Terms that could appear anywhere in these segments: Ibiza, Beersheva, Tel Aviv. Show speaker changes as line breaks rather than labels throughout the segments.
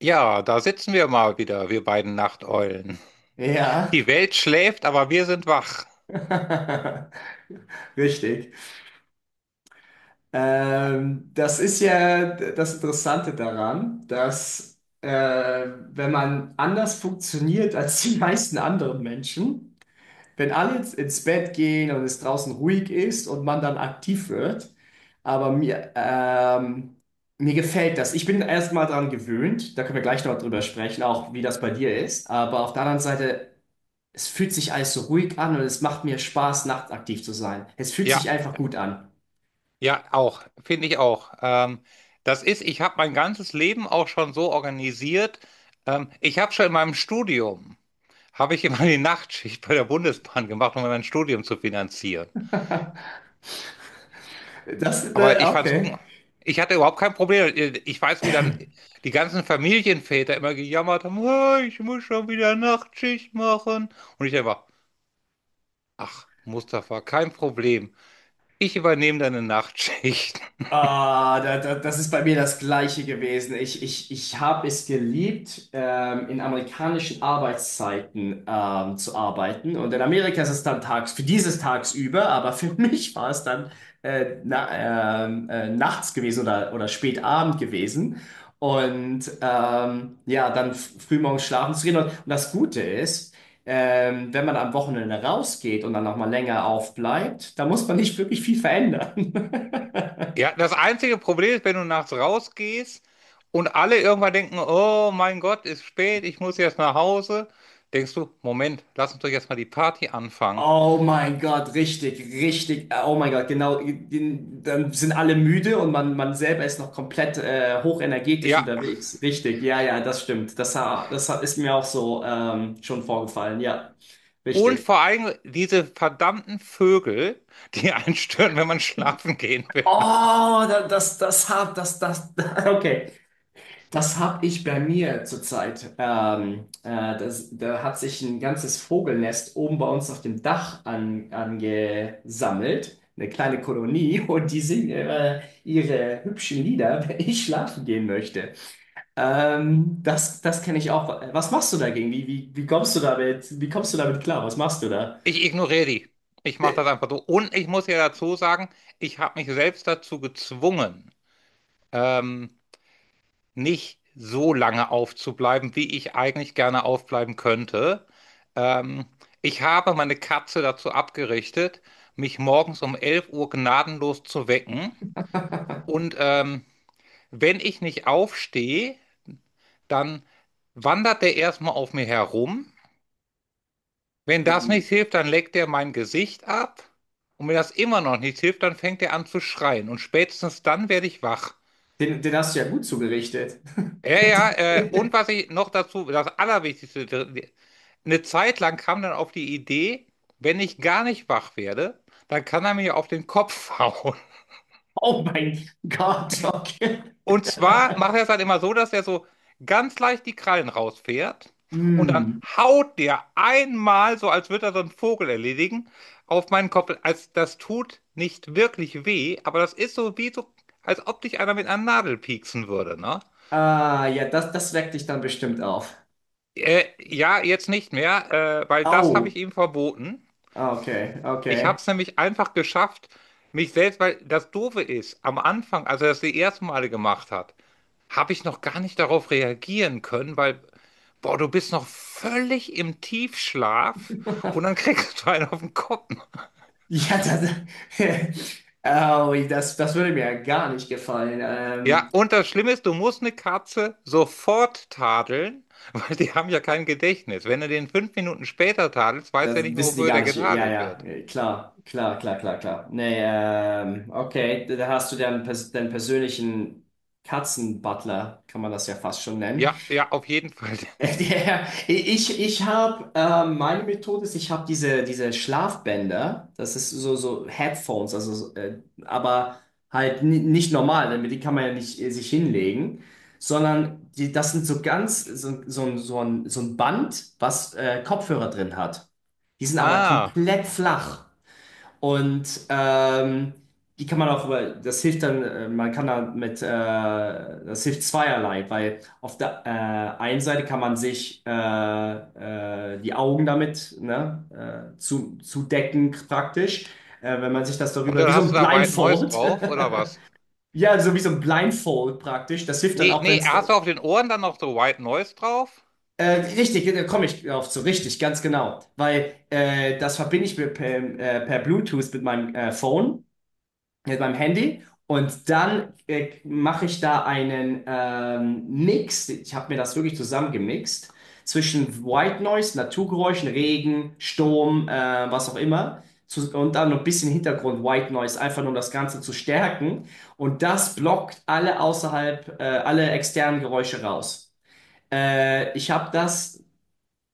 Ja, da sitzen wir mal wieder, wir beiden Nachteulen.
Ja,
Die Welt schläft, aber wir sind wach.
richtig. Das ist ja das Interessante daran, dass wenn man anders funktioniert als die meisten anderen Menschen, wenn alle ins Bett gehen und es draußen ruhig ist und man dann aktiv wird, aber mir gefällt das. Ich bin erstmal daran gewöhnt, da können wir gleich noch drüber sprechen, auch wie das bei dir ist, aber auf der anderen Seite, es fühlt sich alles so ruhig an und es macht mir Spaß, nachtaktiv zu sein. Es fühlt sich
Ja,
einfach gut an.
ja, auch, finde ich auch. Das ist, ich habe mein ganzes Leben auch schon so organisiert. Ich habe schon in meinem Studium, habe ich immer die Nachtschicht bei der Bundesbahn gemacht, um mein Studium zu finanzieren. Aber ich fand's gut.
Okay.
Ich hatte überhaupt kein Problem. Ich weiß, wie dann die ganzen Familienväter immer gejammert haben: "Ah, ich muss schon wieder Nachtschicht machen." Und ich einfach: "Ach, Mustafa, kein Problem. Ich übernehme deine Nachtschicht."
Das ist bei mir das Gleiche gewesen. Ich habe es geliebt, in amerikanischen Arbeitszeiten zu arbeiten. Und in Amerika ist es dann tags, für dieses tagsüber, aber für mich war es dann nachts gewesen oder spät Abend gewesen. Und ja, dann frühmorgens schlafen zu gehen. Und das Gute ist, wenn man am Wochenende rausgeht und dann nochmal länger aufbleibt, da muss man nicht wirklich viel verändern.
Ja, das einzige Problem ist, wenn du nachts rausgehst und alle irgendwann denken, oh mein Gott, ist spät, ich muss jetzt nach Hause, denkst du, Moment, lass uns doch jetzt mal die Party anfangen.
Oh mein Gott, richtig, richtig. Oh mein Gott, genau. Dann sind alle müde und man selber ist noch komplett hochenergetisch
Ja,
unterwegs. Richtig, ja, ja, das stimmt. Das ist mir auch so schon vorgefallen. Ja,
und
richtig.
vor allem diese verdammten Vögel, die einen stören, wenn man schlafen gehen will.
Oh, da- das, das hab, das, das, okay. Das habe ich bei mir zurzeit. Da hat sich ein ganzes Vogelnest oben bei uns auf dem Dach angesammelt. Eine kleine Kolonie und die singen ihre hübschen Lieder, wenn ich schlafen gehen möchte. Das kenne ich auch. Was machst du dagegen? Wie kommst du damit? Wie kommst du damit klar? Was machst du da?
Ich ignoriere die. Ich mache das einfach so. Und ich muss ja dazu sagen, ich habe mich selbst dazu gezwungen. Ähm, Nicht so lange aufzubleiben, wie ich eigentlich gerne aufbleiben könnte. Ähm, Ich habe meine Katze dazu abgerichtet, mich morgens um 11 Uhr gnadenlos zu wecken. Und wenn ich nicht aufstehe, dann wandert der erstmal auf mir herum. Wenn das nicht hilft, dann leckt er mein Gesicht ab. Und wenn das immer noch nicht hilft, dann fängt er an zu schreien. Und spätestens dann werde ich wach.
Den hast du ja gut zugerichtet.
Ja, ja, und was ich noch dazu, das Allerwichtigste, eine Zeit lang kam dann auf die Idee, wenn ich gar nicht wach werde, dann kann er mir auf den Kopf hauen.
Oh mein Gott, okay.
Und zwar macht er es halt immer so, dass er so ganz leicht die Krallen rausfährt und dann
Hm.
haut der einmal, so als würde er so einen Vogel erledigen, auf meinen Kopf. Also das tut nicht wirklich weh, aber das ist so wie so, als ob dich einer mit einer Nadel pieksen würde, ne?
Ah, ja, das weckt dich dann bestimmt auf.
Ja, jetzt nicht mehr, weil das habe
Au.
ich ihm verboten.
Ah, okay,
Ich
okay.
habe es nämlich einfach geschafft, mich selbst, weil das Doofe ist, am Anfang, als er das die ersten Male gemacht hat, habe ich noch gar nicht darauf reagieren können, weil, boah, du bist noch völlig im Tiefschlaf und dann kriegst du einen auf den Kopf.
Ja, au, das würde mir gar nicht gefallen.
Ja, und das Schlimme ist, du musst eine Katze sofort tadeln, weil die haben ja kein Gedächtnis. Wenn du den 5 Minuten später tadelst, weiß er
Das
nicht mehr,
wissen die
wofür
gar
der
nicht. Ja,
getadelt
ja,
wird.
klar, klar, klar, klar, klar. Nee, okay, da hast du deinen persönlichen Katzenbutler, kann man das ja fast schon nennen.
Ja, ja, auf jeden Fall.
Der, ich ich habe meine Methode ist, ich habe diese Schlafbänder, das ist so, so Headphones, also aber halt nicht normal, damit die kann man ja nicht sich hinlegen, sondern das sind so ganz so, so, ein- so, ein, so ein Band, was Kopfhörer drin hat. Die sind aber
Ah,
komplett flach. Und ähm, die kann man auch, das hilft dann, man kann da mit, das hilft zweierlei, weil auf der einen Seite kann man sich die Augen damit ne, zudecken praktisch, wenn man sich das
und
darüber,
dann
wie so
hast
ein
du da White Noise
Blindfold,
drauf, oder was?
ja, so wie so ein Blindfold praktisch, das hilft dann
Nee,
auch, wenn
nee,
es,
hast du auf den Ohren dann noch so White Noise drauf?
äh, richtig, da komme ich drauf zu, richtig, ganz genau, weil das verbinde ich mir per Bluetooth mit meinem Phone. Mit meinem Handy und dann mache ich da einen Mix. Ich habe mir das wirklich zusammengemixt zwischen White Noise, Naturgeräuschen, Regen, Sturm, was auch immer. Und dann noch ein bisschen Hintergrund White Noise, einfach nur um das Ganze zu stärken. Und das blockt alle externen Geräusche raus. Ich habe das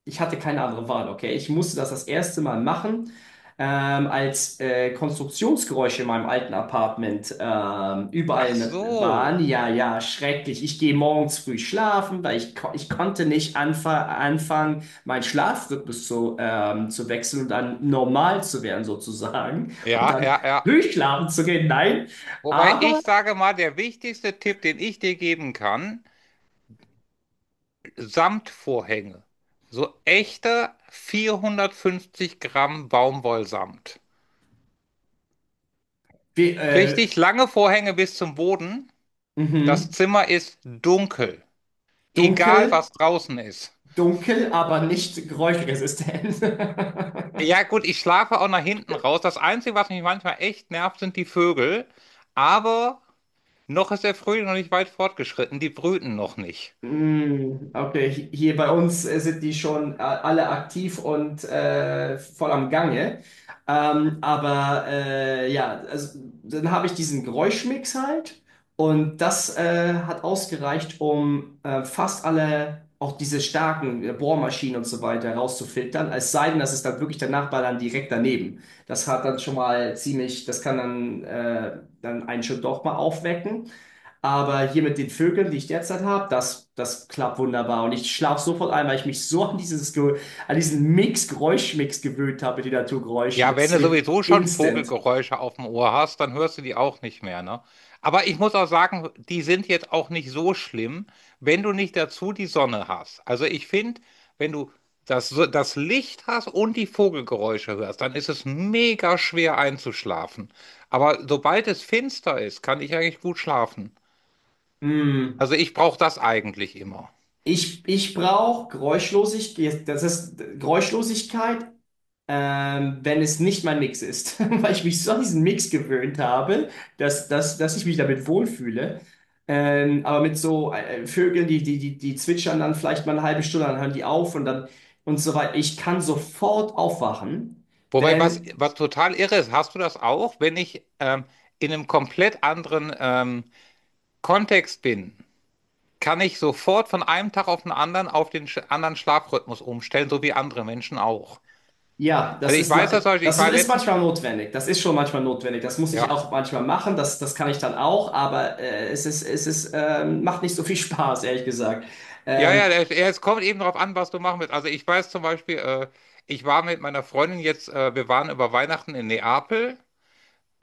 Ich hatte keine andere Wahl, okay? Ich musste das erste Mal machen, als Konstruktionsgeräusche in meinem alten Apartment
Ach
überall ne, waren.
so.
Ja, ja, schrecklich. Ich gehe morgens früh schlafen, weil ich konnte nicht anfangen, meinen Schlafrhythmus zu wechseln und dann normal zu werden, sozusagen. Und
Ja,
dann
ja, ja.
früh schlafen zu gehen. Nein,
Wobei,
aber
ich sage mal, der wichtigste Tipp, den ich dir geben kann: Samtvorhänge. So echte 450 Gramm Baumwollsamt.
wir, äh,
Richtig lange Vorhänge bis zum Boden. Das
mhm,
Zimmer ist dunkel. Egal,
dunkel,
was draußen ist.
dunkel, aber nicht geräuschresistent.
Ja, gut, ich schlafe auch nach hinten raus. Das Einzige, was mich manchmal echt nervt, sind die Vögel. Aber noch ist der Frühling noch nicht weit fortgeschritten, die brüten noch nicht.
Mm, okay. Hier bei uns sind die schon alle aktiv und voll am Gange. Ja, also, dann habe ich diesen Geräuschmix halt und das hat ausgereicht, um fast alle, auch diese starken Bohrmaschinen und so weiter rauszufiltern. Es sei denn, das ist dann wirklich der Nachbar dann direkt daneben. Das kann dann, dann einen schon doch mal aufwecken. Aber hier mit den Vögeln, die ich derzeit habe, das klappt wunderbar. Und ich schlafe sofort ein, weil ich mich so an diesen Geräuschmix gewöhnt habe mit den Naturgeräuschen.
Ja, wenn
Das
du
hilft
sowieso schon
instant.
Vogelgeräusche auf dem Ohr hast, dann hörst du die auch nicht mehr, ne? Aber ich muss auch sagen, die sind jetzt auch nicht so schlimm, wenn du nicht dazu die Sonne hast. Also ich finde, wenn du das, das Licht hast und die Vogelgeräusche hörst, dann ist es mega schwer einzuschlafen. Aber sobald es finster ist, kann ich eigentlich gut schlafen.
Hm.
Also ich brauche das eigentlich immer.
Ich brauche Geräuschlosigkeit, das ist Geräuschlosigkeit, wenn es nicht mein Mix ist, weil ich mich so an diesen Mix gewöhnt habe, dass ich mich damit wohlfühle. Aber mit so Vögeln, die zwitschern dann vielleicht mal eine halbe Stunde, dann hören die auf und dann und so weiter. Ich kann sofort aufwachen,
Wobei, was,
wenn,
was total irre ist, hast du das auch, wenn ich in einem komplett anderen Kontext bin, kann ich sofort von einem Tag auf den anderen auf den sch anderen Schlafrhythmus umstellen, so wie andere Menschen auch.
ja,
Also ich weiß das zum Beispiel, ich
das
war
ist
letztens
manchmal
mal,
notwendig. Das ist schon manchmal notwendig. Das muss ich
ja,
auch manchmal machen. Das kann ich dann auch, aber macht nicht so viel Spaß, ehrlich gesagt.
ja,
Ähm,
ja, ja, es kommt eben darauf an, was du machen willst. Also ich weiß zum Beispiel, ich war mit meiner Freundin jetzt, wir waren über Weihnachten in Neapel.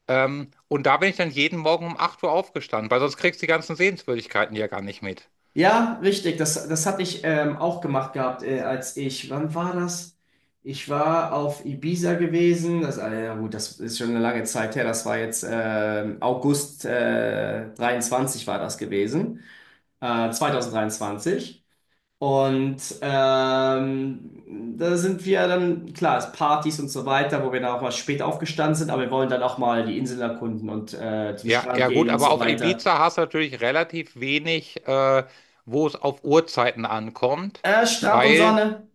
Und da bin ich dann jeden Morgen um 8 Uhr aufgestanden, weil sonst kriegst du die ganzen Sehenswürdigkeiten ja gar nicht mit.
Ja, richtig. Das hatte ich auch gemacht gehabt, wann war das? Ich war auf Ibiza gewesen. Ja gut, das ist schon eine lange Zeit her. Das war jetzt August 23 war das gewesen. 2023. Und da sind wir dann, klar, es Partys und so weiter, wo wir dann auch mal spät aufgestanden sind, aber wir wollen dann auch mal die Inseln erkunden und zum
Ja,
Strand
ja
gehen
gut,
und
aber
so
auf
weiter.
Ibiza hast du natürlich relativ wenig, wo es auf Uhrzeiten ankommt,
Strand und
weil,
Sonne.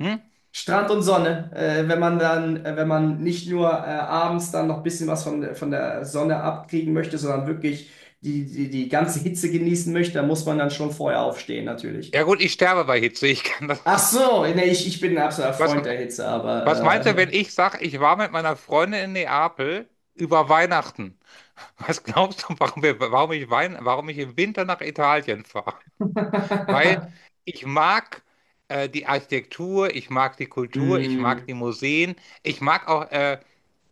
hm?
Strand und Sonne, wenn man nicht nur abends dann noch ein bisschen was von der Sonne abkriegen möchte, sondern wirklich die ganze Hitze genießen möchte, dann muss man dann schon vorher aufstehen, natürlich.
Ja gut, ich sterbe bei Hitze. Ich kann das.
Ach so, nee, ich bin ein absoluter
Was,
Freund der Hitze,
was
aber
meinst du, wenn ich sage, ich war mit meiner Freundin in Neapel über Weihnachten? Was glaubst du, warum, wir, warum, ich, Wein, warum ich im Winter nach Italien fahre? Weil
ja.
ich mag die Architektur, ich mag die Kultur, ich mag
Hm.
die Museen, ich mag auch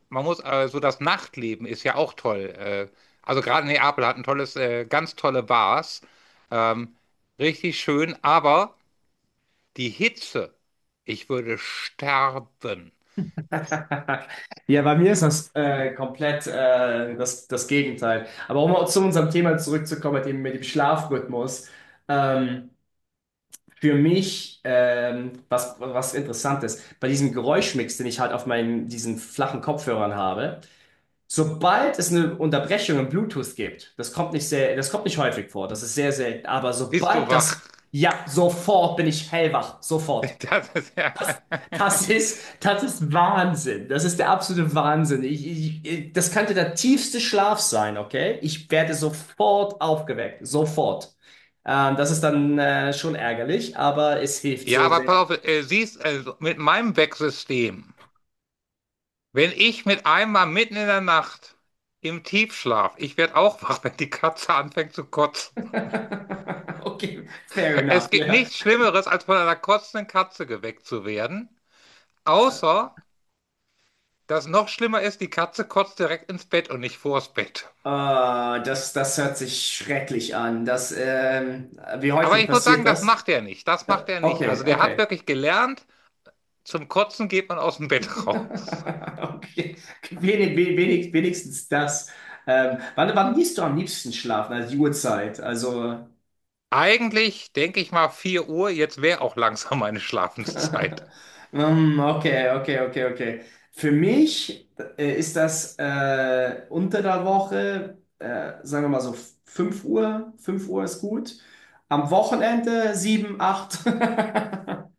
so, das Nachtleben ist ja auch toll. Also gerade Neapel hat ganz tolle Bars. Ähm, Richtig schön, aber die Hitze, ich würde sterben.
Ja, bei mir ist das komplett das Gegenteil. Aber um zu unserem Thema zurückzukommen, mit dem Schlafrhythmus. Ähm, Für mich, was, was Interessantes, bei diesem Geräuschmix, den ich halt auf diesen flachen Kopfhörern habe, sobald es eine Unterbrechung im Bluetooth gibt, das kommt nicht häufig vor, das ist sehr selten, aber
Bist du wach?
ja, sofort bin ich hellwach, sofort.
Das ist ja.
Das ist, das ist Wahnsinn, das ist der absolute Wahnsinn. Das könnte der tiefste Schlaf sein, okay? Ich werde sofort aufgeweckt, sofort. Das ist dann schon ärgerlich, aber es hilft
Ja,
so
aber
sehr.
pass auf, mit meinem Wecksystem, wenn ich mit einmal mitten in der Nacht im Tiefschlaf, ich werde auch wach, wenn die Katze anfängt zu kotzen.
Okay, fair enough,
Es gibt
ja.
nichts Schlimmeres, als von einer kotzenden Katze geweckt zu werden. Außer, dass noch schlimmer ist, die Katze kotzt direkt ins Bett und nicht vors Bett.
Ah, das hört sich schrecklich an. Wie
Aber
häufig
ich muss
passiert
sagen, das
das?
macht er nicht. Das macht
Ja,
er nicht. Also
okay,
der hat
okay.
wirklich gelernt, zum Kotzen geht man aus dem Bett raus.
Okay. Wenigstens das. Wann gehst du am liebsten schlafen? Also die Uhrzeit. Also.
Eigentlich denke ich mal 4 Uhr, jetzt wäre auch langsam meine Schlafenszeit.
Okay, okay, okay, okay. Für mich ist das unter der Woche, sagen wir mal so 5 Uhr ist gut. Am Wochenende 7, 8,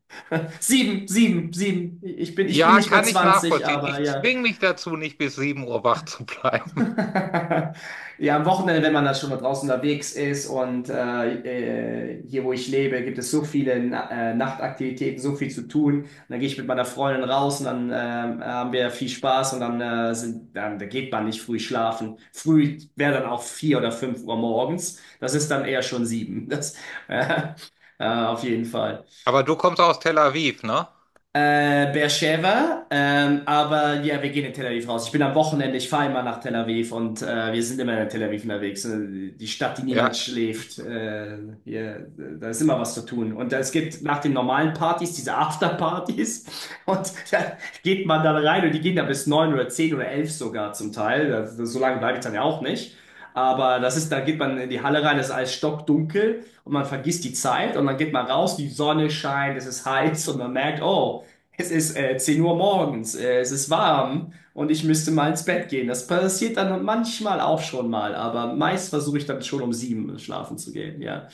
7, 7, 7. Ich bin
Ja,
nicht mehr
kann ich
20,
nachvollziehen.
aber
Ich
ja.
zwinge mich dazu, nicht bis 7 Uhr wach zu bleiben.
Ja, am Wochenende, wenn man dann schon mal draußen unterwegs ist und hier, wo ich lebe, gibt es so viele Nachtaktivitäten, so viel zu tun. Und dann gehe ich mit meiner Freundin raus und dann haben wir viel Spaß und dann, sind, dann da geht man nicht früh schlafen. Früh wäre dann auch vier oder fünf Uhr morgens. Das ist dann eher schon sieben. Äh, auf jeden Fall.
Aber du kommst aus Tel Aviv, ne?
Beersheva, aber ja, wir gehen in Tel Aviv raus. Ich bin am Wochenende, Ich fahre immer nach Tel Aviv und wir sind immer in Tel Aviv unterwegs. Die Stadt, die
Ja,
niemals schläft. Hier, da ist immer was zu tun. Und es gibt nach den normalen Partys diese Afterpartys und da geht man dann rein und die gehen da bis neun oder 10 oder 11 sogar zum Teil. So lange bleibe ich dann ja auch nicht. Da geht man in die Halle rein, es ist alles stockdunkel und man vergisst die Zeit und dann geht man raus, die Sonne scheint, es ist heiß und man merkt, oh, es ist 10 Uhr morgens, es ist warm und ich müsste mal ins Bett gehen. Das passiert dann manchmal auch schon mal, aber meist versuche ich dann schon um sieben schlafen zu gehen, ja.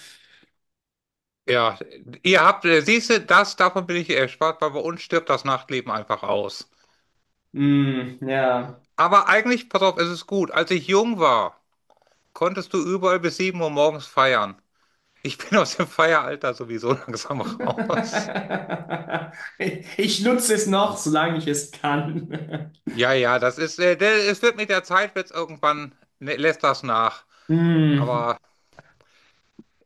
ja. Ihr habt, siehst du, das, davon bin ich erspart, weil bei uns stirbt das Nachtleben einfach aus.
Mm, ja.
Aber eigentlich, pass auf, es ist gut. Als ich jung war, konntest du überall bis 7 Uhr morgens feiern. Ich bin aus dem Feieralter sowieso langsam raus.
Ich nutze es noch, solange ich es kann.
Ja, ja, das ist, der, es wird mit der Zeit, wird's irgendwann, ne, lässt das nach.
Mm.
Aber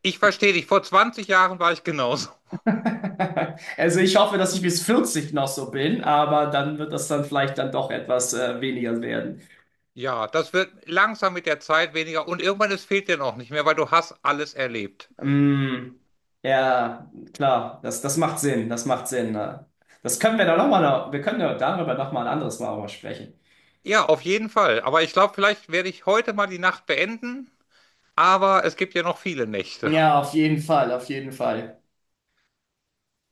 ich verstehe dich, vor 20 Jahren war ich genauso.
Also ich hoffe, dass ich bis 40 noch so bin, aber dann wird das dann vielleicht dann doch etwas weniger werden.
Ja, das wird langsam mit der Zeit weniger und irgendwann es fehlt dir noch nicht mehr, weil du hast alles erlebt.
Mm, ja, klar, das macht Sinn, das macht Sinn. Ne? Das können wir dann nochmal, wir können ja darüber nochmal ein anderes Mal aber sprechen.
Ja, auf jeden Fall. Aber ich glaube, vielleicht werde ich heute mal die Nacht beenden, aber es gibt ja noch viele Nächte.
Ja, auf jeden Fall, auf jeden Fall.